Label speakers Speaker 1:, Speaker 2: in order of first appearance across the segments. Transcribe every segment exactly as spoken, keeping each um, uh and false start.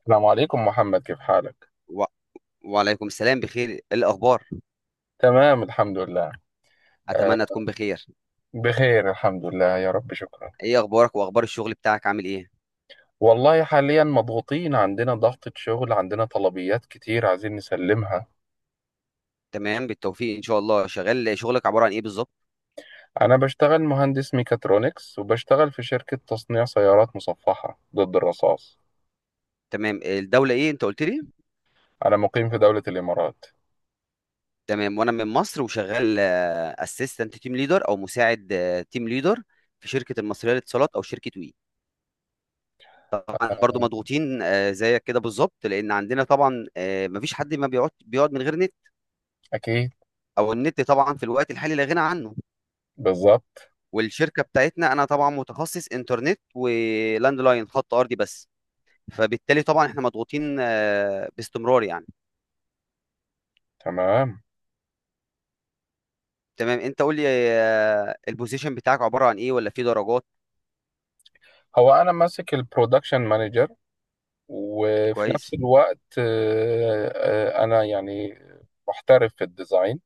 Speaker 1: السلام عليكم محمد، كيف حالك؟
Speaker 2: و... وعليكم السلام، بخير. إيه الاخبار؟
Speaker 1: تمام، الحمد لله. آه
Speaker 2: اتمنى تكون بخير.
Speaker 1: بخير الحمد لله، يا رب، شكرا.
Speaker 2: ايه اخبارك واخبار الشغل بتاعك، عامل ايه؟
Speaker 1: والله حاليا مضغوطين، عندنا ضغطة شغل، عندنا طلبيات كتير عايزين نسلمها.
Speaker 2: تمام، بالتوفيق ان شاء الله. شغال، شغلك عباره عن ايه بالظبط؟
Speaker 1: أنا بشتغل مهندس ميكاترونكس، وبشتغل في شركة تصنيع سيارات مصفحة ضد الرصاص.
Speaker 2: تمام، الدوله ايه انت قلت لي؟
Speaker 1: أنا مقيم في دولة الإمارات.
Speaker 2: تمام، وانا من مصر وشغال اسيستنت تيم ليدر او مساعد تيم ليدر في شركه المصريه للاتصالات او شركه وي. طبعا برضو
Speaker 1: آه،
Speaker 2: مضغوطين آه، زيك كده بالظبط، لان عندنا طبعا آه، مفيش حد ما بيقعد بيقعد من غير نت.
Speaker 1: أكيد.
Speaker 2: او النت طبعا في الوقت الحالي لا غنى عنه.
Speaker 1: بالظبط.
Speaker 2: والشركه بتاعتنا انا طبعا متخصص انترنت ولاند لاين خط ارضي بس، فبالتالي طبعا احنا مضغوطين آه، باستمرار يعني.
Speaker 1: تمام.
Speaker 2: تمام، انت قول لي، آه، البوزيشن بتاعك عباره عن ايه ولا في درجات؟
Speaker 1: هو أنا ماسك البرودكشن مانجر، وفي
Speaker 2: كويس.
Speaker 1: نفس الوقت آه، آه، أنا يعني محترف في الديزاين،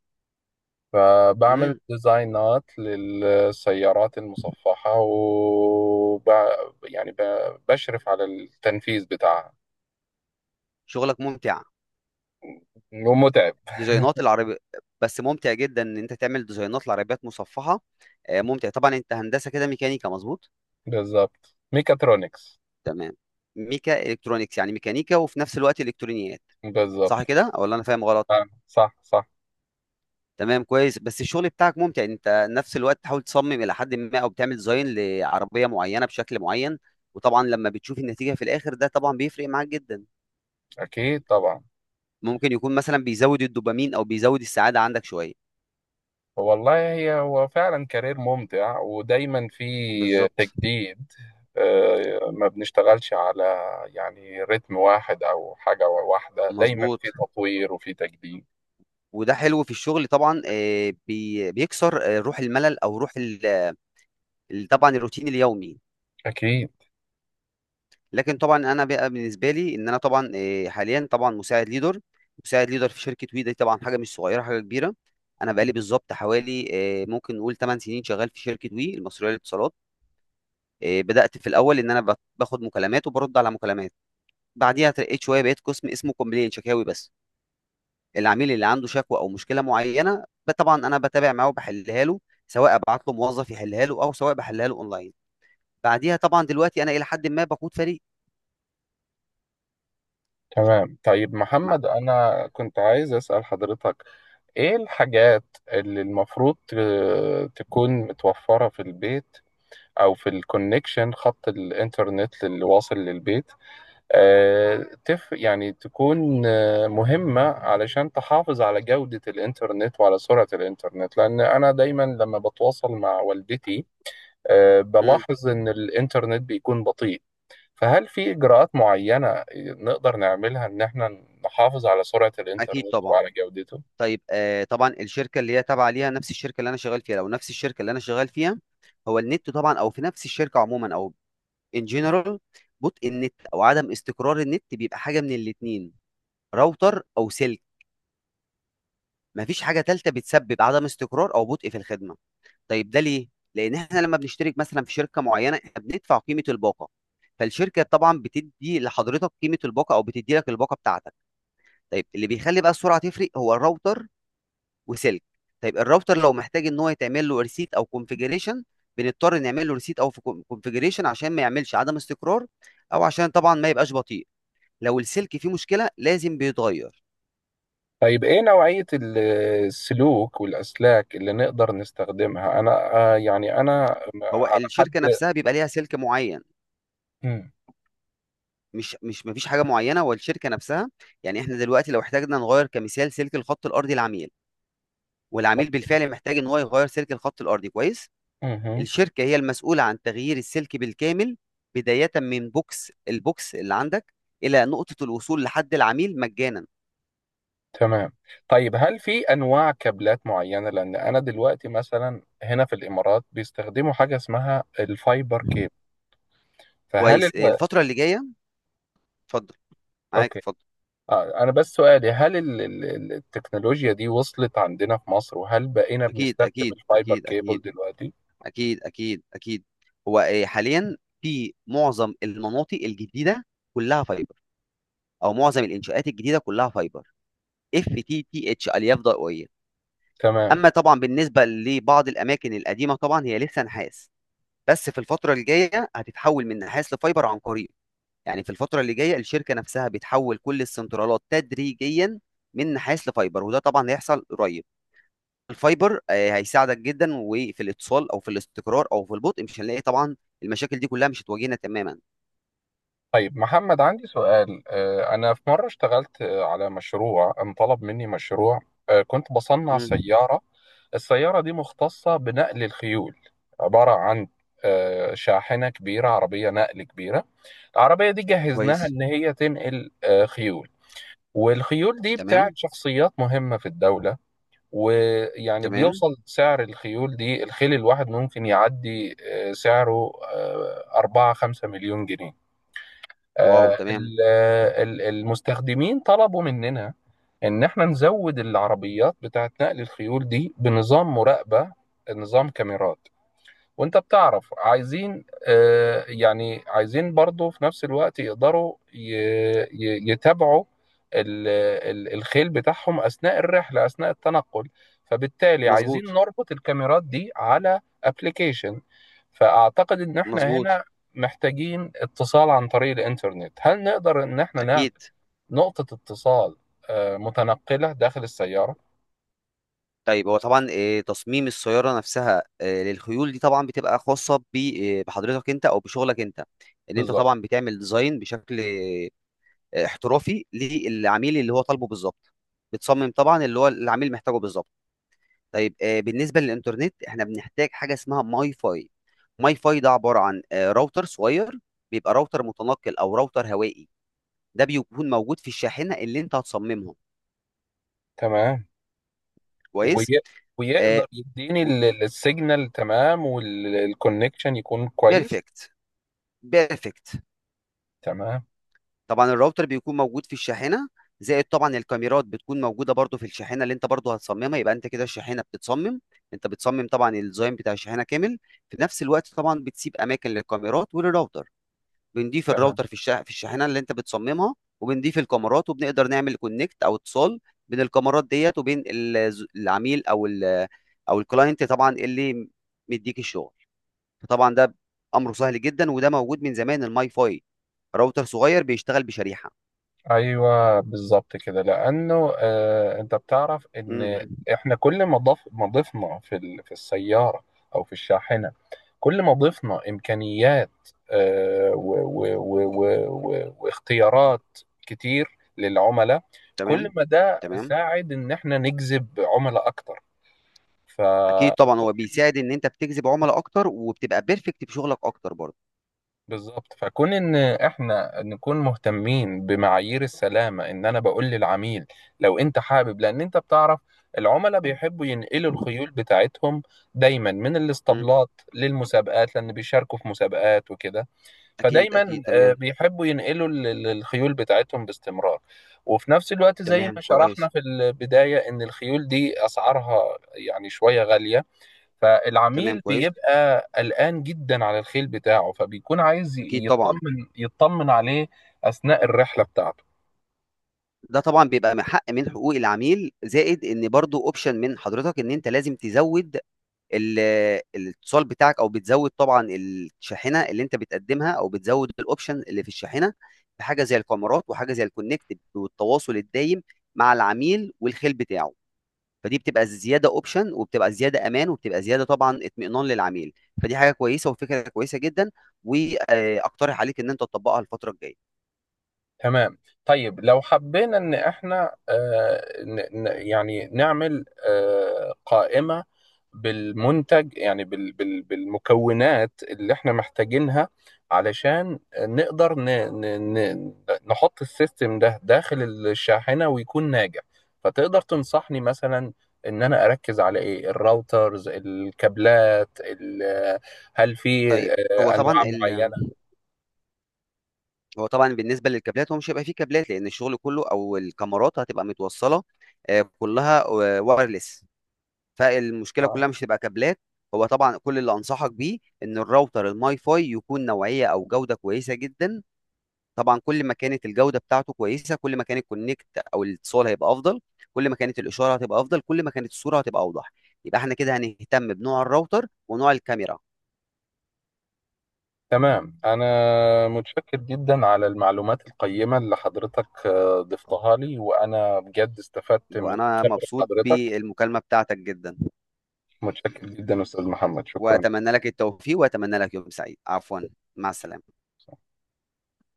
Speaker 1: فبعمل
Speaker 2: امم
Speaker 1: ديزاينات للسيارات المصفحة وب... يعني ب... بشرف على التنفيذ بتاعها.
Speaker 2: شغلك ممتع.
Speaker 1: ومتعب.
Speaker 2: ديزاينات العربي، بس ممتع جدا ان انت تعمل ديزاينات لعربيات مصفحه. آه، ممتع طبعا. انت هندسه كده ميكانيكا، مظبوط؟
Speaker 1: بالظبط، ميكاترونكس.
Speaker 2: تمام. ميكا الكترونيكس، يعني ميكانيكا وفي نفس الوقت الكترونيات،
Speaker 1: بالظبط.
Speaker 2: صح كده ولا انا فاهم غلط؟
Speaker 1: آه، صح، صح.
Speaker 2: تمام، كويس. بس الشغل بتاعك ممتع، يعني انت نفس الوقت تحاول تصمم الى حد ما او بتعمل ديزاين لعربيه معينه بشكل معين. وطبعا لما بتشوف النتيجه في الاخر، ده طبعا بيفرق معاك جدا.
Speaker 1: أكيد طبعا.
Speaker 2: ممكن يكون مثلا بيزود الدوبامين او بيزود السعاده عندك شويه.
Speaker 1: والله هي هو فعلا كارير ممتع ودايما في
Speaker 2: بالظبط.
Speaker 1: تجديد. آه، ما بنشتغلش على يعني رتم واحد أو حاجة واحدة، دايما في
Speaker 2: مظبوط.
Speaker 1: تطوير وفي تجديد.
Speaker 2: وده حلو في الشغل طبعا، آه، بي- بيكسر آه، روح الملل او روح ال- ال- طبعا الروتين اليومي.
Speaker 1: أكيد.
Speaker 2: لكن طبعا انا بقى بالنسبه لي، ان انا طبعا آه، حاليا طبعا مساعد ليدر، مساعد ليدر في شركه وي، دي طبعا حاجه مش صغيره، حاجه كبيره. انا بقالي بالظبط حوالي، آه، ممكن نقول 8 سنين شغال في شركه وي المصريه للاتصالات. آه، بدات في الاول ان انا بت- باخد مكالمات وبرد على مكالمات. بعديها ترقيت شويه، بقيت قسم اسمه كومبلين، شكاوي بس. العميل اللي عنده شكوى او مشكله معينه، ب- طبعا انا بتابع معاه وبحلها له، سواء ابعت له موظف يحلها له او سواء بحلها له اونلاين. بعديها طبعا دلوقتي انا الى حد ما بقود فريق.
Speaker 1: تمام. طيب
Speaker 2: مع.
Speaker 1: محمد، أنا كنت عايز أسأل حضرتك، إيه الحاجات اللي المفروض ت- تكون متوفرة في البيت أو في الكونكشن، خط الإنترنت اللي واصل للبيت آه، تف يعني تكون آه، مهمة علشان تحافظ على جودة الإنترنت وعلى سرعة الإنترنت، لأن أنا دايما لما بتواصل مع والدتي آه،
Speaker 2: مم.
Speaker 1: بلاحظ إن الإنترنت بيكون بطيء، فهل في إجراءات معينة نقدر نعملها إن إحنا نحافظ على سرعة
Speaker 2: اكيد
Speaker 1: الإنترنت
Speaker 2: طبعا.
Speaker 1: وعلى جودته؟
Speaker 2: طيب آه طبعا الشركه اللي هي تابعه ليها، نفس الشركه اللي انا شغال فيها لو نفس الشركه اللي انا شغال فيها، هو النت طبعا او في نفس الشركه عموما او ان جنرال، بطء النت او عدم استقرار النت بيبقى حاجه من الاتنين: راوتر او سلك. مفيش حاجه ثالثه بتسبب عدم استقرار او بطء في الخدمه. طيب ده ليه؟ لان احنا لما بنشترك مثلا في شركه معينه احنا بندفع قيمه الباقه، فالشركه طبعا بتدي لحضرتك قيمه الباقه او بتدي لك الباقه بتاعتك. طيب اللي بيخلي بقى السرعه تفرق هو الراوتر وسلك. طيب الراوتر لو محتاج ان هو يتعمل له ريسيت او كونفيجريشن، بنضطر نعمل له ريسيت او كونفيجريشن عشان ما يعملش عدم استقرار، او عشان طبعا ما يبقاش بطيء. لو السلك فيه مشكله لازم بيتغير.
Speaker 1: طيب، إيه نوعية ال- السلوك والأسلاك اللي نقدر نستخدمها؟ أنا آه، يعني أنا
Speaker 2: هو
Speaker 1: على حد.
Speaker 2: الشركه نفسها بيبقى ليها سلك معين.
Speaker 1: مم.
Speaker 2: مش مش مفيش حاجه معينه. والشركه نفسها، يعني احنا دلوقتي لو احتاجنا نغير كمثال سلك الخط الارضي، العميل والعميل بالفعل محتاج ان هو يغير سلك الخط الارضي، كويس،
Speaker 1: مهم.
Speaker 2: الشركة هي المسؤولة عن تغيير السلك بالكامل، بداية من بوكس، البوكس اللي عندك إلى نقطة الوصول لحد العميل مجانا.
Speaker 1: تمام. طيب، هل في أنواع كابلات معينة؟ لأن أنا دلوقتي مثلا هنا في الإمارات بيستخدموا حاجة اسمها الفايبر كيب، فهل
Speaker 2: كويس،
Speaker 1: ال...
Speaker 2: الفترة اللي جاية. اتفضل، معاك
Speaker 1: أوكي.
Speaker 2: اتفضل.
Speaker 1: آه، أنا بس سؤالي، هل ال- ال- ال- التكنولوجيا دي وصلت عندنا في مصر، وهل بقينا
Speaker 2: أكيد
Speaker 1: بنستخدم
Speaker 2: أكيد
Speaker 1: الفايبر
Speaker 2: أكيد
Speaker 1: كيبل
Speaker 2: أكيد.
Speaker 1: دلوقتي؟
Speaker 2: أكيد أكيد أكيد. هو آه، حاليا في معظم المناطق الجديدة كلها فايبر، أو معظم الإنشاءات الجديدة كلها فايبر، اف تي تي اتش، ألياف ضوئية.
Speaker 1: تمام.
Speaker 2: أما طبعا بالنسبة لبعض الأماكن القديمة طبعا هي لسه نحاس، بس في الفترة الجاية هتتحول من نحاس لفايبر عن قريب. يعني في الفترة اللي جاية الشركة نفسها بتحول كل السنترالات تدريجيا من نحاس لفايبر، وده طبعا هيحصل قريب. الفايبر آه، هيساعدك جدا، وفي الاتصال او في الاستقرار او في البطء مش هنلاقي طبعا المشاكل دي كلها، مش هتواجهنا تماما.
Speaker 1: طيب محمد، عندي سؤال. آه، أنا في مرة اشتغلت آه، على مشروع، انطلب مني مشروع آه، كنت بصنع
Speaker 2: مم.
Speaker 1: سيارة. السيارة دي مختصة بنقل الخيول، عبارة عن آه، شاحنة كبيرة، عربية نقل كبيرة. العربية دي جهزناها
Speaker 2: كويس.
Speaker 1: إن هي تنقل آه، خيول، والخيول دي بتاعت
Speaker 2: تمام.
Speaker 1: شخصيات مهمة في الدولة، ويعني
Speaker 2: تمام.
Speaker 1: بيوصل سعر الخيول دي، الخيل الواحد ممكن يعدي آه، سعره آه، أربعة خمسة مليون جنيه.
Speaker 2: واو.
Speaker 1: آه،
Speaker 2: تمام.
Speaker 1: ال- آه، ال- المستخدمين طلبوا مننا إن احنا نزود العربيات بتاعت نقل الخيول دي بنظام مراقبة، نظام كاميرات. وانت بتعرف، عايزين آه، يعني عايزين برضو في نفس الوقت يقدروا ي- ي- يتابعوا ال- ال- الخيل بتاعهم أثناء الرحلة، أثناء التنقل. فبالتالي
Speaker 2: مظبوط.
Speaker 1: عايزين نربط الكاميرات دي على ابلكيشن، فأعتقد إن احنا
Speaker 2: مظبوط.
Speaker 1: هنا محتاجين اتصال عن طريق الإنترنت. هل نقدر إن احنا نعمل
Speaker 2: اكيد.
Speaker 1: نقطة اتصال آه، متنقلة داخل السيارة؟
Speaker 2: طيب هو طبعا آه، تصميم السيارة نفسها آه، للخيول دي طبعا بتبقى خاصة ب- آه، بحضرتك انت او بشغلك انت، ان انت
Speaker 1: بالظبط.
Speaker 2: طبعا بتعمل ديزاين بشكل آه، احترافي للعميل اللي هو طالبه بالظبط، بتصمم طبعا اللي هو العميل محتاجه بالظبط. طيب آه، بالنسبة للإنترنت احنا بنحتاج حاجة اسمها ماي فاي. ماي فاي ده عبارة عن آه، راوتر صغير، بيبقى راوتر متنقل او راوتر هوائي، ده بيكون موجود في الشاحنة اللي انت هتصممها.
Speaker 1: تمام. وي...
Speaker 2: كويس.
Speaker 1: ويقدر يديني ال- ال- السيجنال تمام، والكونكشن يكون كويس.
Speaker 2: بيرفكت. بيرفكت.
Speaker 1: تمام.
Speaker 2: طبعا الراوتر بيكون موجود في الشاحنه، زائد طبعا الكاميرات بتكون موجوده برضو في الشاحنه اللي انت برضو هتصممها. يبقى انت كده الشاحنه بتتصمم، انت بتصمم طبعا الديزاين بتاع الشاحنه كامل، في نفس الوقت طبعا بتسيب اماكن للكاميرات وللراوتر. بنضيف
Speaker 1: تمام.
Speaker 2: الراوتر في الشا... في الشاحنه اللي انت بتصممها، وبنضيف الكاميرات، وبنقدر نعمل كونكت او اتصال بين الكاميرات ديت وبين ال- العميل او ال... او الكلاينت طبعا اللي مديك الشغل. فطبعا ده امره سهل جدا، وده موجود من زمان، الماي فاي راوتر صغير بيشتغل بشريحه.
Speaker 1: ايوه بالظبط كده، لانه آه انت بتعرف ان
Speaker 2: مم.
Speaker 1: احنا كل ما ضف ما ضفنا في ال... في السياره او في الشاحنه، كل ما ضفنا امكانيات آه و... و... و... و... و... واختيارات كتير للعملاء،
Speaker 2: تمام.
Speaker 1: كل ما ده
Speaker 2: تمام.
Speaker 1: ساعد ان احنا نجذب عملاء اكتر. ف
Speaker 2: اكيد طبعا هو بيساعد ان انت بتجذب عملاء اكتر، وبتبقى بيرفكت في شغلك اكتر برضه.
Speaker 1: بالظبط. فكون ان احنا نكون مهتمين بمعايير السلامه، ان انا بقول للعميل لو انت حابب، لان انت بتعرف العملاء بيحبوا ينقلوا الخيول بتاعتهم دايما من
Speaker 2: مم.
Speaker 1: الاسطبلات للمسابقات، لان بيشاركوا في مسابقات وكده.
Speaker 2: اكيد اكيد.
Speaker 1: فدايما آه،
Speaker 2: تمام.
Speaker 1: بيحبوا ينقلوا ال- ال- الخيول بتاعتهم باستمرار. وفي نفس الوقت زي
Speaker 2: تمام
Speaker 1: ما شرحنا
Speaker 2: كويس.
Speaker 1: في البدايه، ان الخيول دي اسعارها يعني شويه غاليه،
Speaker 2: تمام
Speaker 1: فالعميل
Speaker 2: كويس.
Speaker 1: بيبقى قلقان جدا على الخيل بتاعه، فبيكون عايز
Speaker 2: اكيد طبعا.
Speaker 1: يطمن يطمن عليه أثناء الرحلة بتاعته.
Speaker 2: ده طبعا بيبقى من حق من حقوق العميل، زائد ان برضه اوبشن من حضرتك، ان انت لازم تزود ال- الاتصال بتاعك او بتزود طبعا الشاحنه اللي انت بتقدمها او بتزود الاوبشن اللي في الشاحنه، بحاجه زي الكاميرات وحاجه زي الكونكت والتواصل الدايم مع العميل والخيل بتاعه. فدي بتبقى زياده اوبشن، وبتبقى زياده امان، وبتبقى زياده طبعا اطمئنان للعميل. فدي حاجه كويسه وفكره كويسه جدا، واقترح عليك ان انت تطبقها الفتره الجايه.
Speaker 1: تمام. طيب لو حبينا ان احنا آه، ن- ن- يعني نعمل آه، قائمة بالمنتج، يعني بال- بال- بالمكونات اللي احنا محتاجينها، علشان نقدر ن- ن- ن- نحط السيستم ده داخل الشاحنة ويكون ناجح. فتقدر تنصحني مثلا، ان انا اركز على ايه، الراوترز، الكابلات، ال- هل في
Speaker 2: طيب هو
Speaker 1: آه،
Speaker 2: طبعا
Speaker 1: انواع
Speaker 2: ال...
Speaker 1: معينة؟
Speaker 2: هو طبعا بالنسبه للكابلات، هو مش هيبقى فيه كابلات، لان الشغل كله او الكاميرات هتبقى متوصله آه، كلها وايرلس. فالمشكله
Speaker 1: آه.
Speaker 2: كلها مش هتبقى كابلات. هو طبعا كل اللي انصحك بيه ان الراوتر الماي فاي يكون نوعيه او جوده كويسه جدا. طبعا كل ما كانت الجوده بتاعته كويسه، كل ما كان الكونكت او الاتصال هيبقى افضل، كل ما كانت الاشاره هتبقى افضل، كل ما كانت الصوره هتبقى اوضح. يبقى احنا كده هنهتم بنوع الراوتر ونوع الكاميرا.
Speaker 1: تمام. أنا متشكر جدا على المعلومات القيمة اللي حضرتك آه، ضفتها لي، وأنا بجد استفدت من
Speaker 2: وانا
Speaker 1: خبرة
Speaker 2: مبسوط
Speaker 1: حضرتك.
Speaker 2: بالمكالمه بتاعتك جدا،
Speaker 1: متشكر جدا أستاذ محمد، شكرا.
Speaker 2: واتمنى لك التوفيق، واتمنى لك يوم سعيد. عفوا، مع السلامه.